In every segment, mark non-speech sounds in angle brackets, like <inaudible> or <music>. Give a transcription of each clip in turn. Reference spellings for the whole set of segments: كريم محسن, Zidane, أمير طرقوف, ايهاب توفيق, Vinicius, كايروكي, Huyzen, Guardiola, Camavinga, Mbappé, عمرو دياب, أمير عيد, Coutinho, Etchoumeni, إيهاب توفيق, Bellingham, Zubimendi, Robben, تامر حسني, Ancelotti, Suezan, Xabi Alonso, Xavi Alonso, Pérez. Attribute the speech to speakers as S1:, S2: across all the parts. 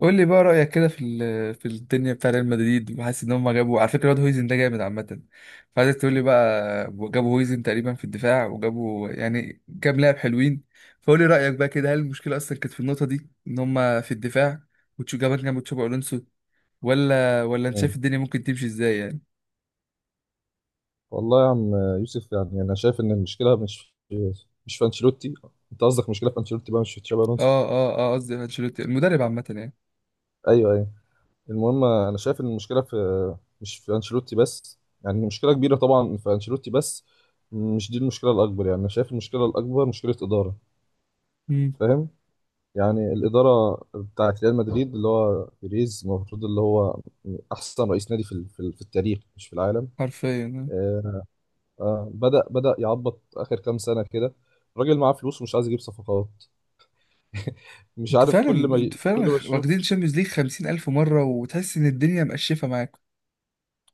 S1: قول لي بقى رأيك كده في في الدنيا بتاع ريال مدريد، وحاسس ان هم جابوا. على فكرة، الواد هويزن ده جامد عامة. فعايزك تقول لي بقى، جابوا هويزن تقريبا في الدفاع، وجابوا يعني كام لاعب حلوين. فقول لي رأيك بقى كده، هل المشكلة اصلا كانت في النقطة دي، ان هم في الدفاع وتشو جابان جنب تشابي الونسو، ولا انت
S2: مم.
S1: شايف الدنيا ممكن تمشي ازاي يعني.
S2: والله يا عم يوسف، يعني انا شايف ان المشكله مش في انشيلوتي. انت قصدك مشكله في انشيلوتي بقى مش في تشابي الونسو؟
S1: اه اه اه، قصدي انشيلوتي المدرب عامة يعني.
S2: ايوه. المهم انا شايف ان المشكله في، مش في انشيلوتي بس، يعني مشكله كبيره طبعا في انشيلوتي بس مش دي المشكله الاكبر. يعني انا شايف المشكله الاكبر مشكله اداره.
S1: امم.
S2: فاهم؟ يعني الاداره بتاعت ريال مدريد اللي هو بيريز، المفروض اللي هو احسن رئيس نادي في التاريخ، مش في العالم.
S1: حرفيا آه.
S2: آه، آه، بدأ يعبط آخر كام سنة كده. الراجل معاه فلوس ومش عايز يجيب صفقات. مش
S1: انتوا
S2: عارف
S1: فعلا انتوا
S2: كل
S1: فعلا
S2: ما تشوف.
S1: واخدين شامبيونز ليج خمسين ألف مرة، وتحس ان الدنيا مقشفة معاكم.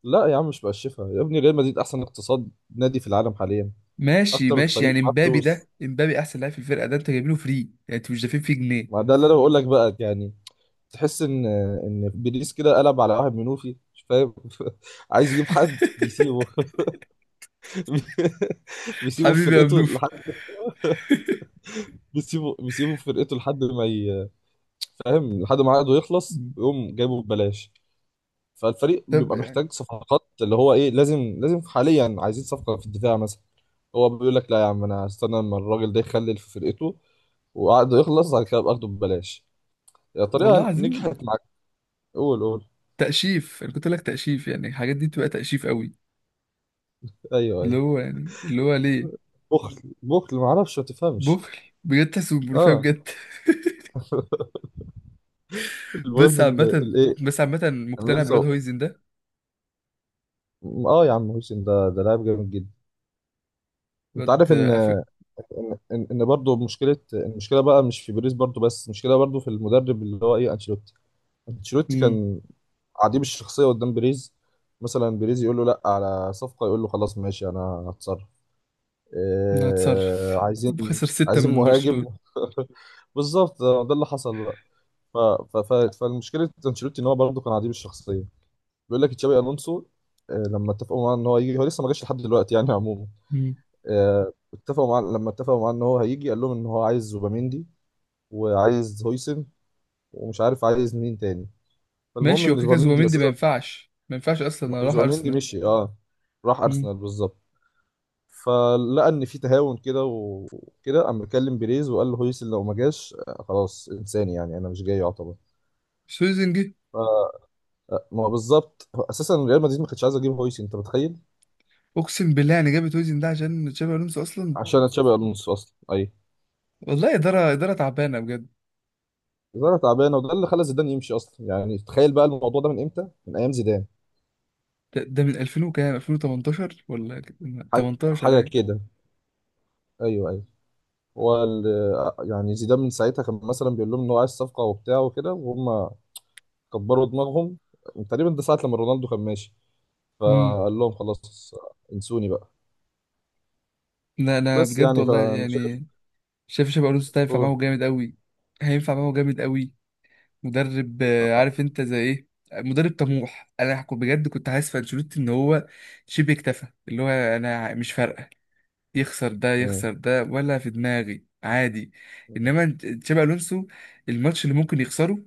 S2: لا يا عم، مش بقشفها يا ابني، ريال مدريد أحسن اقتصاد نادي في العالم حاليا.
S1: ماشي
S2: أكتر
S1: ماشي،
S2: الفريق
S1: يعني
S2: معاه
S1: امبابي
S2: فلوس.
S1: ده، امبابي احسن لاعب في الفرقه ده، انت جايب له فري، يعني انتوا مش دافعين فيه جنيه.
S2: ما ده اللي أنا بقول لك بقى يعني. تحس إن بيريز كده قلب على واحد منوفي، مش فاهم. <laughs> عايز يجيب حد بيسيبه.
S1: <laughs>
S2: <laughs> بيسيبه في
S1: حبيبي يا
S2: فرقته
S1: منوف.
S2: لحد، بيسيبه في فرقته لحد ما ي... فاهم، لحد ما عقده يخلص ويقوم جايبه ببلاش. فالفريق
S1: طب
S2: بيبقى
S1: يعني،
S2: محتاج صفقات اللي هو ايه، لازم حاليا عايزين صفقة في الدفاع مثلا. هو بيقول لك لا يا عم انا هستنى لما الراجل ده يخلل في فرقته وعقده يخلص، بعد كده ابقى اخده ببلاش. يا
S1: والله
S2: طريقة نجحت
S1: عايزين.
S2: معاك. قول، قول.
S1: تأشيف، انا كنت اقول لك تأشيف، يعني الحاجات دي بتبقى تأشيف قوي.
S2: ايوه
S1: اللي
S2: ايوه
S1: هو يعني اللي هو ليه.
S2: بخل، ما اعرفش، ما تفهمش.
S1: بخل. بجد تحسه ملوخية
S2: اه.
S1: بجد. <laughs>
S2: <laughs>
S1: بس
S2: المهم ان
S1: عامة
S2: الايه،
S1: بس عامة
S2: انا
S1: مقتنع بالواد
S2: لسه.
S1: هويزن ده.
S2: اه يا عم، هوسن ده لاعب جامد جدا. انت
S1: الواد
S2: عارف ان
S1: عفك.
S2: ان برضه مشكله، المشكله بقى مش في بيريز برضه بس، المشكله برضه في المدرب اللي هو ايه، انشيلوتي. انشيلوتي
S1: امم.
S2: كان عديم الشخصيه قدام بيريز. مثلا بيريز يقول له لا على صفقه، يقول له خلاص ماشي انا هتصرف. إيه
S1: هتصرف.
S2: عايزين،
S1: وخسر ستة
S2: عايزين
S1: من
S2: مهاجم.
S1: برشلونة.
S2: <laughs> بالظبط ده اللي حصل بقى. ف... فالمشكله انشيلوتي ان هو برضه كان عديم الشخصيه. بيقول لك تشابي الونسو، آه، لما اتفقوا معاه ان هو يجي، هو لسه ما جاش لحد دلوقتي يعني عموما.
S1: مم.
S2: آه، اتفقوا معاه لما اتفقوا معاه ان هو هيجي، قال لهم ان هو عايز زوباميندي وعايز هويسن ومش عارف عايز مين تاني. فالمهم
S1: ماشي، هو
S2: ان
S1: كده كده
S2: زوباميندي بس،
S1: زوبيمندي ما ينفعش اصلا، انا راح
S2: زوبيميندي
S1: ارسنال.
S2: مشي، اه، راح ارسنال بالظبط. فلقى ان في تهاون كده وكده، قام مكلم بيريز وقال له هويسن لو ما جاش، آه، خلاص انساني، يعني انا مش جاي يعتبر.
S1: سويزن جه.
S2: ف- آه، ما هو بالظبط، هو اساسا ريال مدريد ما كانتش عايزه تجيب هويسن، انت متخيل؟
S1: اقسم بالله، يعني جابت سويزن ده عشان تشابي الونسو اصلا.
S2: عشان تشابي الونسو اصلا، اي.
S1: والله اداره تعبانه بجد.
S2: الإدارة تعبانه، وده اللي خلى زيدان يمشي اصلا. يعني تخيل بقى الموضوع ده من امتى، من ايام زيدان.
S1: ده من 2000 وكام، 2018 ولا كده؟
S2: حاجه،
S1: 18
S2: حاجة
S1: ايوه.
S2: كده. ايوه. يعني زيدان من ساعتها كان مثلا بيقول لهم ان هو عايز صفقه وبتاع وكده، وهم كبروا دماغهم. تقريبا ده ساعة لما رونالدو كان ماشي،
S1: امم.
S2: فقال لهم خلاص انسوني بقى.
S1: لا انا
S2: بس
S1: بجد
S2: يعني،
S1: والله
S2: فانا شايف.
S1: يعني، شايف تشابي الونسو ده هينفع
S2: هو-
S1: معاهم جامد قوي. هينفع معاهم جامد قوي مدرب عارف انت زي ايه، مدرب طموح. بجد كنت حاسس في انشيلوتي ان هو شبه اكتفى، اللي هو انا مش فارقه، يخسر ده
S2: مم.
S1: يخسر ده ولا في دماغي عادي. تشابي الونسو، الماتش اللي ممكن يخسره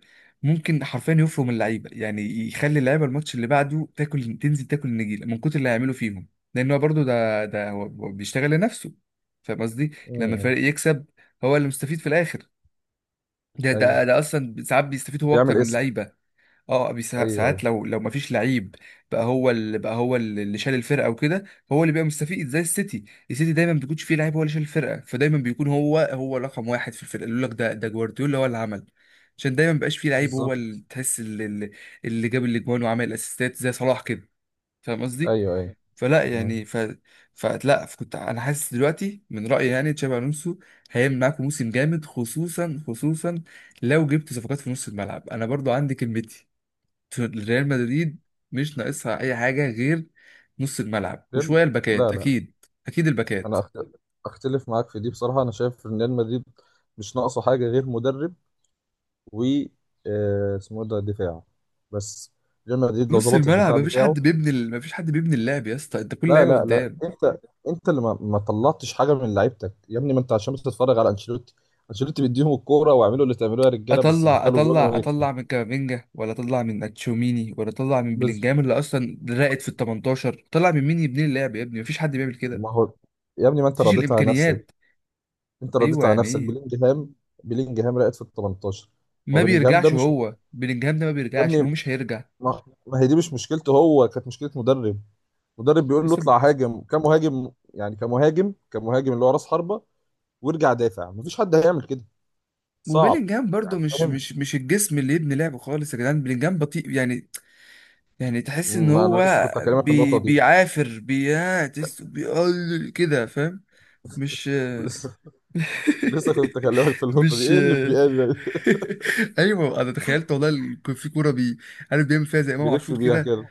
S1: ممكن حرفيا يفرم اللعيبه، يعني يخلي اللعيبه الماتش اللي بعده تاكل، تنزل تاكل النجيله من كتر اللي هيعمله فيهم. لان هو برضه ده ده هو هو بيشتغل لنفسه. فاهم قصدي؟ لما
S2: مم.
S1: الفريق يكسب، هو اللي مستفيد في الاخر. ده
S2: ايوه،
S1: ده ده اصلا ساعات بيستفيد هو اكتر
S2: بيعمل
S1: من
S2: اسم.
S1: اللعيبه. اه
S2: ايوه،
S1: ساعات لو مفيش لعيب، بقى هو اللي شال الفرقه وكده، هو اللي بيبقى مستفيد. زي السيتي، السيتي دايما ما بيكونش فيه لعيب، هو اللي شال الفرقه، فدايما بيكون هو رقم واحد في الفرقه، يقول لك ده جوارديولا هو اللي عمل. عشان دايما مبقاش فيه لعيب، هو
S2: بالظبط.
S1: اللي تحس اللي, اللي جاب الاجوان وعمل الاسيستات زي صلاح كده. فاهم قصدي؟
S2: ايوه.
S1: فلا
S2: مم.
S1: يعني ف فلا كنت انا حاسس دلوقتي، من رايي يعني تشابي الونسو هيعمل معاكم موسم جامد، خصوصا خصوصا لو جبت صفقات في نص الملعب. انا برضو عندي كلمتي، ريال مدريد مش ناقصها اي حاجه غير نص الملعب وشويه
S2: لا
S1: الباكات.
S2: لا،
S1: اكيد اكيد الباكات.
S2: انا أخت- اختلف معاك في دي بصراحة. انا شايف ان ريال مدريد مش ناقصه حاجة غير مدرب، و، آه، اسمه إيه ده، دفاع بس. ريال مدريد لو
S1: نص
S2: ظبط الدفاع
S1: الملعب مفيش
S2: بتاعه.
S1: حد مفيش حد بيبني اللعب يا اسطى، انت كل
S2: لا
S1: لعيبه
S2: لا لا
S1: قدام.
S2: انت، انت اللي ما طلعتش حاجه من لعيبتك يا ابني، ما انت عشان بتتفرج على انشيلوتي. انشيلوتي بيديهم الكوره واعملوا اللي تعملوه يا رجاله، بس
S1: اطلع
S2: دخلوا جول
S1: اطلع
S2: ونكسب.
S1: اطلع من كامافينجا، ولا اطلع من اتشوميني، ولا اطلع من
S2: بس
S1: بلينجهام اللي اصلا راقد في ال 18، طلع من مين يبني اللعب يا ابني؟ مفيش حد بيعمل كده.
S2: ما هو، يا ابني ما انت
S1: مفيش
S2: رضيت على نفسك،
S1: الامكانيات.
S2: انت
S1: ايوه،
S2: رضيت على
S1: يعني
S2: نفسك
S1: ايه.
S2: بلينجهام. بلينجهام رقت في ال 18. هو
S1: ما
S2: بلينجهام ده
S1: بيرجعش،
S2: مش م-
S1: هو بلينجهام ده ما
S2: يا
S1: بيرجعش
S2: ابني،
S1: ومش هيرجع.
S2: ما هي دي مش مشكلته هو، كانت مشكله مدرب. مدرب بيقول له
S1: لسه.
S2: اطلع هاجم كمهاجم، يعني كمهاجم كمهاجم اللي هو راس حربه، وارجع دافع. مفيش حد هيعمل كده، صعب.
S1: وبيلينجهام برضو
S2: يعني
S1: مش
S2: فاهم؟
S1: مش مش الجسم اللي يبني لعب خالص يا جدعان، بيلينجهام بطيء يعني، يعني تحس ان
S2: ما انا لسه
S1: هو
S2: كنت هكلمك في اسمها النقطه دي.
S1: بيعافر، بيعتس، بيقل كده، فاهم؟ مش.
S2: لسه، لسه كنت هكلمك في
S1: <laughs>
S2: النقطه دي،
S1: مش.
S2: ايه اللي بيقل.
S1: <laughs> ايوه انا تخيلت، والله كان في كوره عارف بيعمل فيها زي
S2: <laughs>
S1: امام
S2: بيلف
S1: عاشور
S2: بيها
S1: كده.
S2: كده.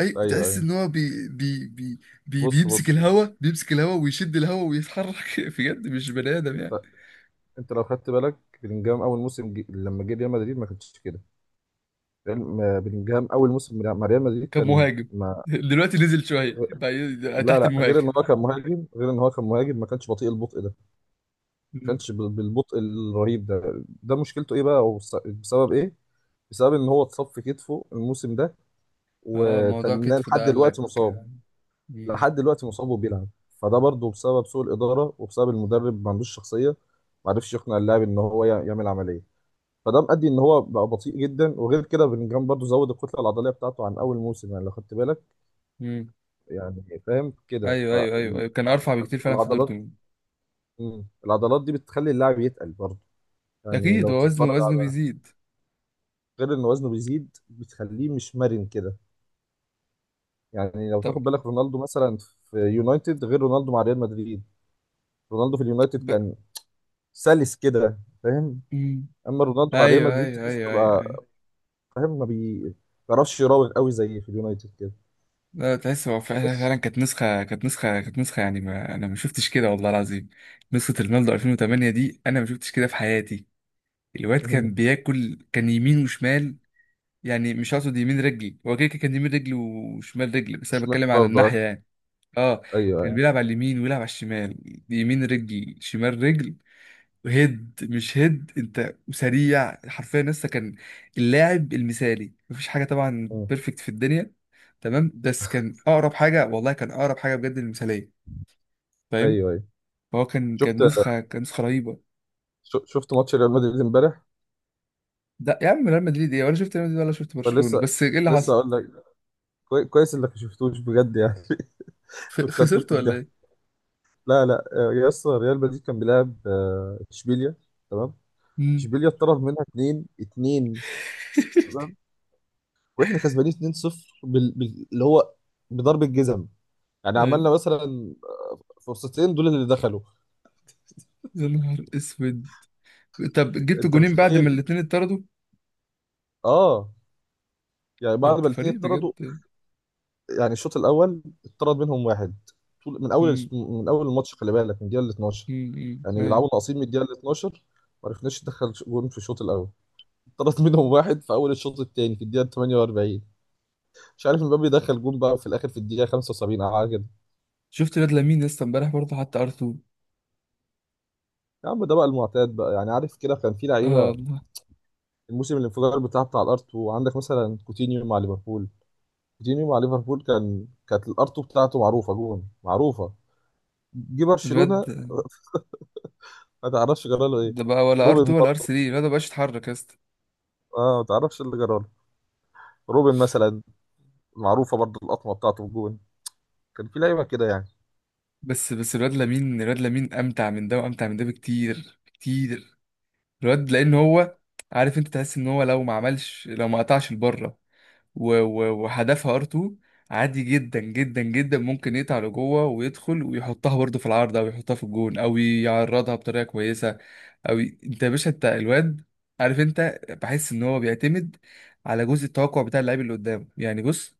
S1: اي
S2: ايوه
S1: تحس
S2: ايوه
S1: ان هو بي بي بي بي
S2: بص
S1: بيمسك
S2: بص
S1: الهوا،
S2: بص
S1: بيمسك الهوا ويشد الهوا ويتحرك. <laughs> بجد مش بني ادم يعني.
S2: انت، انت لو خدت بالك بلينجهام اول موسم لما جه ريال مدريد ما كانش كده. بلينجهام اول موسم مع ريال مدريد
S1: كان
S2: كان
S1: مهاجم.
S2: ما...
S1: <laughs> دلوقتي نزل شويه بقى،
S2: لا
S1: تحت
S2: لا، غير
S1: المهاجم.
S2: ان هو كان مهاجم، غير ان هو كان مهاجم ما كانش بطيء البطء ده. ما كانش بالبطء الرهيب ده. ده مشكلته ايه بقى، بسبب ايه؟ بسبب ان هو اتصاب في كتفه الموسم ده،
S1: اه، موضوع
S2: وتناه
S1: كتفه
S2: لحد
S1: ده، قال لك.
S2: دلوقتي مصاب.
S1: مم.
S2: لحد دلوقتي مصاب وبيلعب. فده برضه بسبب سوء الاداره وبسبب المدرب، ما عندوش شخصيه. ما عرفش يقنع اللاعب ان هو يعمل عمليه. فده مؤدي ان هو بقى بطيء جدا. وغير كده بلينجهام برضه زود الكتله العضليه بتاعته عن اول موسم. يعني لو خدت بالك،
S1: مم.
S2: يعني فاهم كده.
S1: ايوه ايوه ايوه ايوه، كان ارفع بكتير فعلا في
S2: فالعضلات،
S1: دورتموند.
S2: العضلات دي بتخلي اللاعب يتقل برضه. يعني
S1: اكيد،
S2: لو
S1: هو وزنه،
S2: تتفرج
S1: وزنه
S2: على،
S1: بيزيد.
S2: غير ان وزنه بيزيد، بتخليه مش مرن كده. يعني لو
S1: طب.
S2: تاخد بالك رونالدو مثلا في يونايتد غير رونالدو مع ريال مدريد. رونالدو في اليونايتد
S1: ب...
S2: كان سلس كده، فاهم؟
S1: مم.
S2: اما رونالدو مع ريال
S1: ايوه
S2: مدريد
S1: ايوه
S2: تحس
S1: ايوه ايوه
S2: بقى،
S1: ايوه.
S2: فاهم، ما بيعرفش يراوغ قوي زي في اليونايتد كده.
S1: لا تحس هو فعلا
S2: بس.
S1: فعلا، كانت نسخه، يعني ما انا ما شفتش كده والله العظيم. نسخه رونالدو 2008 دي انا ما شفتش كده في حياتي. الواد كان
S2: <laughs>
S1: بياكل، كان يمين وشمال، يعني مش هقصد يمين رجلي، هو كده كده كان يمين رجلي وشمال رجلي، بس انا
S2: مش، مش
S1: بتكلم على
S2: برضه. آه.
S1: الناحيه يعني. اه،
S2: ايوه
S1: كان
S2: ايوه
S1: بيلعب على اليمين ويلعب على الشمال، يمين رجل شمال رجل، هيد مش هيد، انت سريع، حرفيا لسه كان اللاعب المثالي. مفيش حاجه طبعا
S2: مم.
S1: بيرفكت في الدنيا، تمام، بس كان اقرب حاجه، والله كان اقرب حاجه بجد للمثاليه. فاهم؟
S2: ايوه.
S1: فهو كان،
S2: شفت،
S1: كان نسخه، كان نسخه رهيبه.
S2: شفت ماتش ريال مدريد امبارح؟
S1: ده يا عم ريال مدريد ايه؟ ولا شفت ريال مدريد ولا شفت برشلونه،
S2: فلسه،
S1: بس ايه اللي
S2: لسه
S1: حصل؟
S2: اقول لك، كويس انك ما شفتوش بجد يعني. <laughs> كنت هتموت
S1: خسرت ولا
S2: بالضحك.
S1: ايه؟
S2: لا لا، آه، يا اسطى، ريال مدريد كان بيلعب، آه، اشبيليا. تمام.
S1: مم.
S2: اشبيليا اتطرد منها اتنين، اتنين
S1: <laughs>
S2: تمام. واحنا كسبانين 2-0، اللي هو بضرب الجزم. يعني
S1: ايوه.
S2: عملنا مثلا فرصتين دول اللي دخلوا.
S1: يا نهار اسود. طب جبت
S2: انت
S1: جونين بعد ما
S2: متخيل؟
S1: الاتنين اتطردوا؟
S2: اه، يعني
S1: ده
S2: بعد
S1: انت
S2: ما الاثنين
S1: فريق
S2: اتطردوا.
S1: بجد.
S2: يعني الشوط الاول اتطرد منهم واحد، طول
S1: مم.
S2: من اول الماتش، خلي بالك من الدقيقه ال 12.
S1: امم.
S2: يعني
S1: ايوه.
S2: بيلعبوا ناقصين من الدقيقه ال 12. ما عرفناش ندخل جون في الشوط الاول. اتطرد منهم واحد في اول الشوط الثاني في الدقيقه 48. مش عارف مبابي دخل جون بقى في الاخر في الدقيقه 75 او حاجه كده.
S1: شفت الواد لامين لسه امبارح، برضه حتى ار R2.
S2: يا عم ده بقى المعتاد بقى يعني، عارف كده، كان في
S1: اه
S2: لعيبه
S1: والله.
S2: الموسم الانفجار بتاع الارت. وعندك مثلا كوتينيو مع ليفربول، كوتينيو مع ليفربول كان، كانت الارتو بتاعته معروفه، جون معروفه. جه
S1: الواد
S2: برشلونه، ما تعرفش جراله ايه.
S1: ده بقى ولا ار
S2: روبن
S1: R2 ولا ار
S2: برضه،
S1: R3، الواد ده مبقاش يتحرك يا اسطى.
S2: اه، ما تعرفش اللي جراله. روبن مثلا، معروفه برضه القطمه بتاعته في جون. كان في لعيبه كده يعني.
S1: بس بس الواد لامين، الواد لامين امتع من ده وامتع من ده بكتير كتير. الواد لان هو، عارف انت تحس ان هو لو ما عملش، لو ما قطعش لبره وهدفها ار R2، عادي جدا جدا جدا ممكن يقطع لجوه ويدخل ويحطها برضه في العارضه ويحطها في الجون، او يعرضها بطريقه كويسه. أوي أنت يا باشا، أنت الواد، عارف أنت بحس إن هو بيعتمد على جزء التوقع بتاع اللاعب اللي قدامه، يعني بص،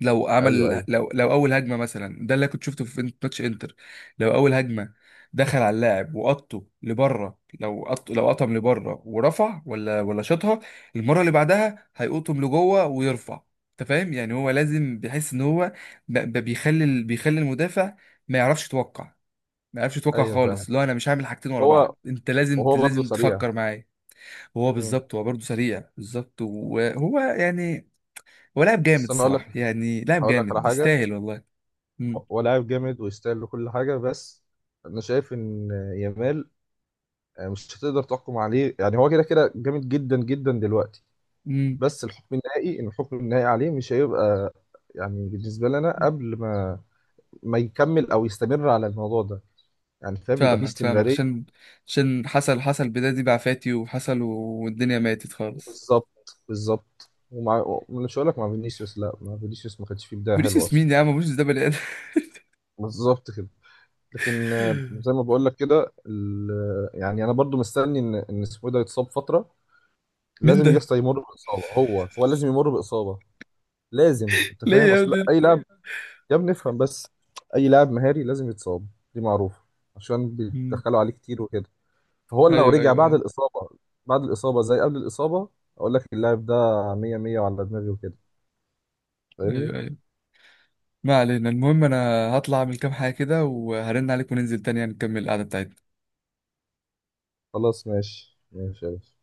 S1: لو
S2: ايوه
S1: عمل،
S2: ايوه
S1: لو أول هجمة مثلا، ده اللي كنت شفته في ماتش إنتر. لو أول هجمة دخل على اللاعب وقطه لبره، لو قط لو قطم لبره ورفع، ولا شاطها، المرة اللي بعدها هيقطم لجوه ويرفع. أنت فاهم؟ يعني هو لازم بيحس إن هو بيخلي المدافع ما يعرفش يتوقع. ما عرفش يتوقع
S2: ايوه فاهم.
S1: خالص، لا انا مش هعمل حاجتين ورا
S2: هو،
S1: بعض، انت لازم
S2: وهو برضه
S1: لازم
S2: سريع.
S1: تفكر معايا. هو
S2: مم.
S1: بالظبط، هو برضه سريع، بالظبط. وهو يعني هو لاعب جامد
S2: بس انا اقول لك،
S1: الصراحه، يعني لاعب
S2: هقول لك على
S1: جامد
S2: حاجه.
S1: يستاهل والله. امم.
S2: هو لاعب جامد ويستاهل كل حاجه، بس انا شايف ان يامال مش هتقدر تحكم عليه. يعني هو كده كده جامد جدا جدا دلوقتي،
S1: امم.
S2: بس الحكم النهائي ان الحكم النهائي عليه مش هيبقى، يعني بالنسبه لنا، قبل ما يكمل او يستمر على الموضوع ده. يعني فاهم، يبقى فيه
S1: فاهمك فاهمك،
S2: استمراريه.
S1: عشان حصل، بداية دي بعفاتي وحصل، والدنيا ماتت خالص.
S2: بالظبط، بالظبط. ومع، مش هقول لك مع فينيسيوس، لا، مع فينيسيوس ما كانش فيه بدايه حلوه
S1: فينيسيوس
S2: اصلا.
S1: مين يا عم؟ فينيسيوس ده بني ادم.
S2: بالظبط كده. لكن آه، زي
S1: <laughs>
S2: ما بقول لك كده، يعني انا برضو مستني ان اسمه إيه ده يتصاب فتره.
S1: مين
S2: لازم
S1: ده؟
S2: يسطا يمر باصابه، هو لازم يمر باصابه. لازم، انت
S1: ليه
S2: فاهم،
S1: يا
S2: اصل
S1: ابني؟
S2: اي لاعب، يا ابني افهم بس، اي لاعب مهاري لازم يتصاب، دي معروفه، عشان
S1: مم.
S2: بيدخلوا عليه كتير وكده. فهو لو
S1: ايوه
S2: رجع
S1: ايوه
S2: بعد
S1: ايوه
S2: الاصابه، بعد الاصابه زي قبل الاصابه، اقول لك اللاعب ده 100 100 وعلى دماغي وكده، فاهمني؟
S1: ايوه ايوه. ما علينا، المهم انا هطلع اعمل كام حاجة كده، وهرن عليك وننزل تاني يعني نكمل القعدة بتاعتنا.
S2: خلاص ماشي ماشي يا باشا.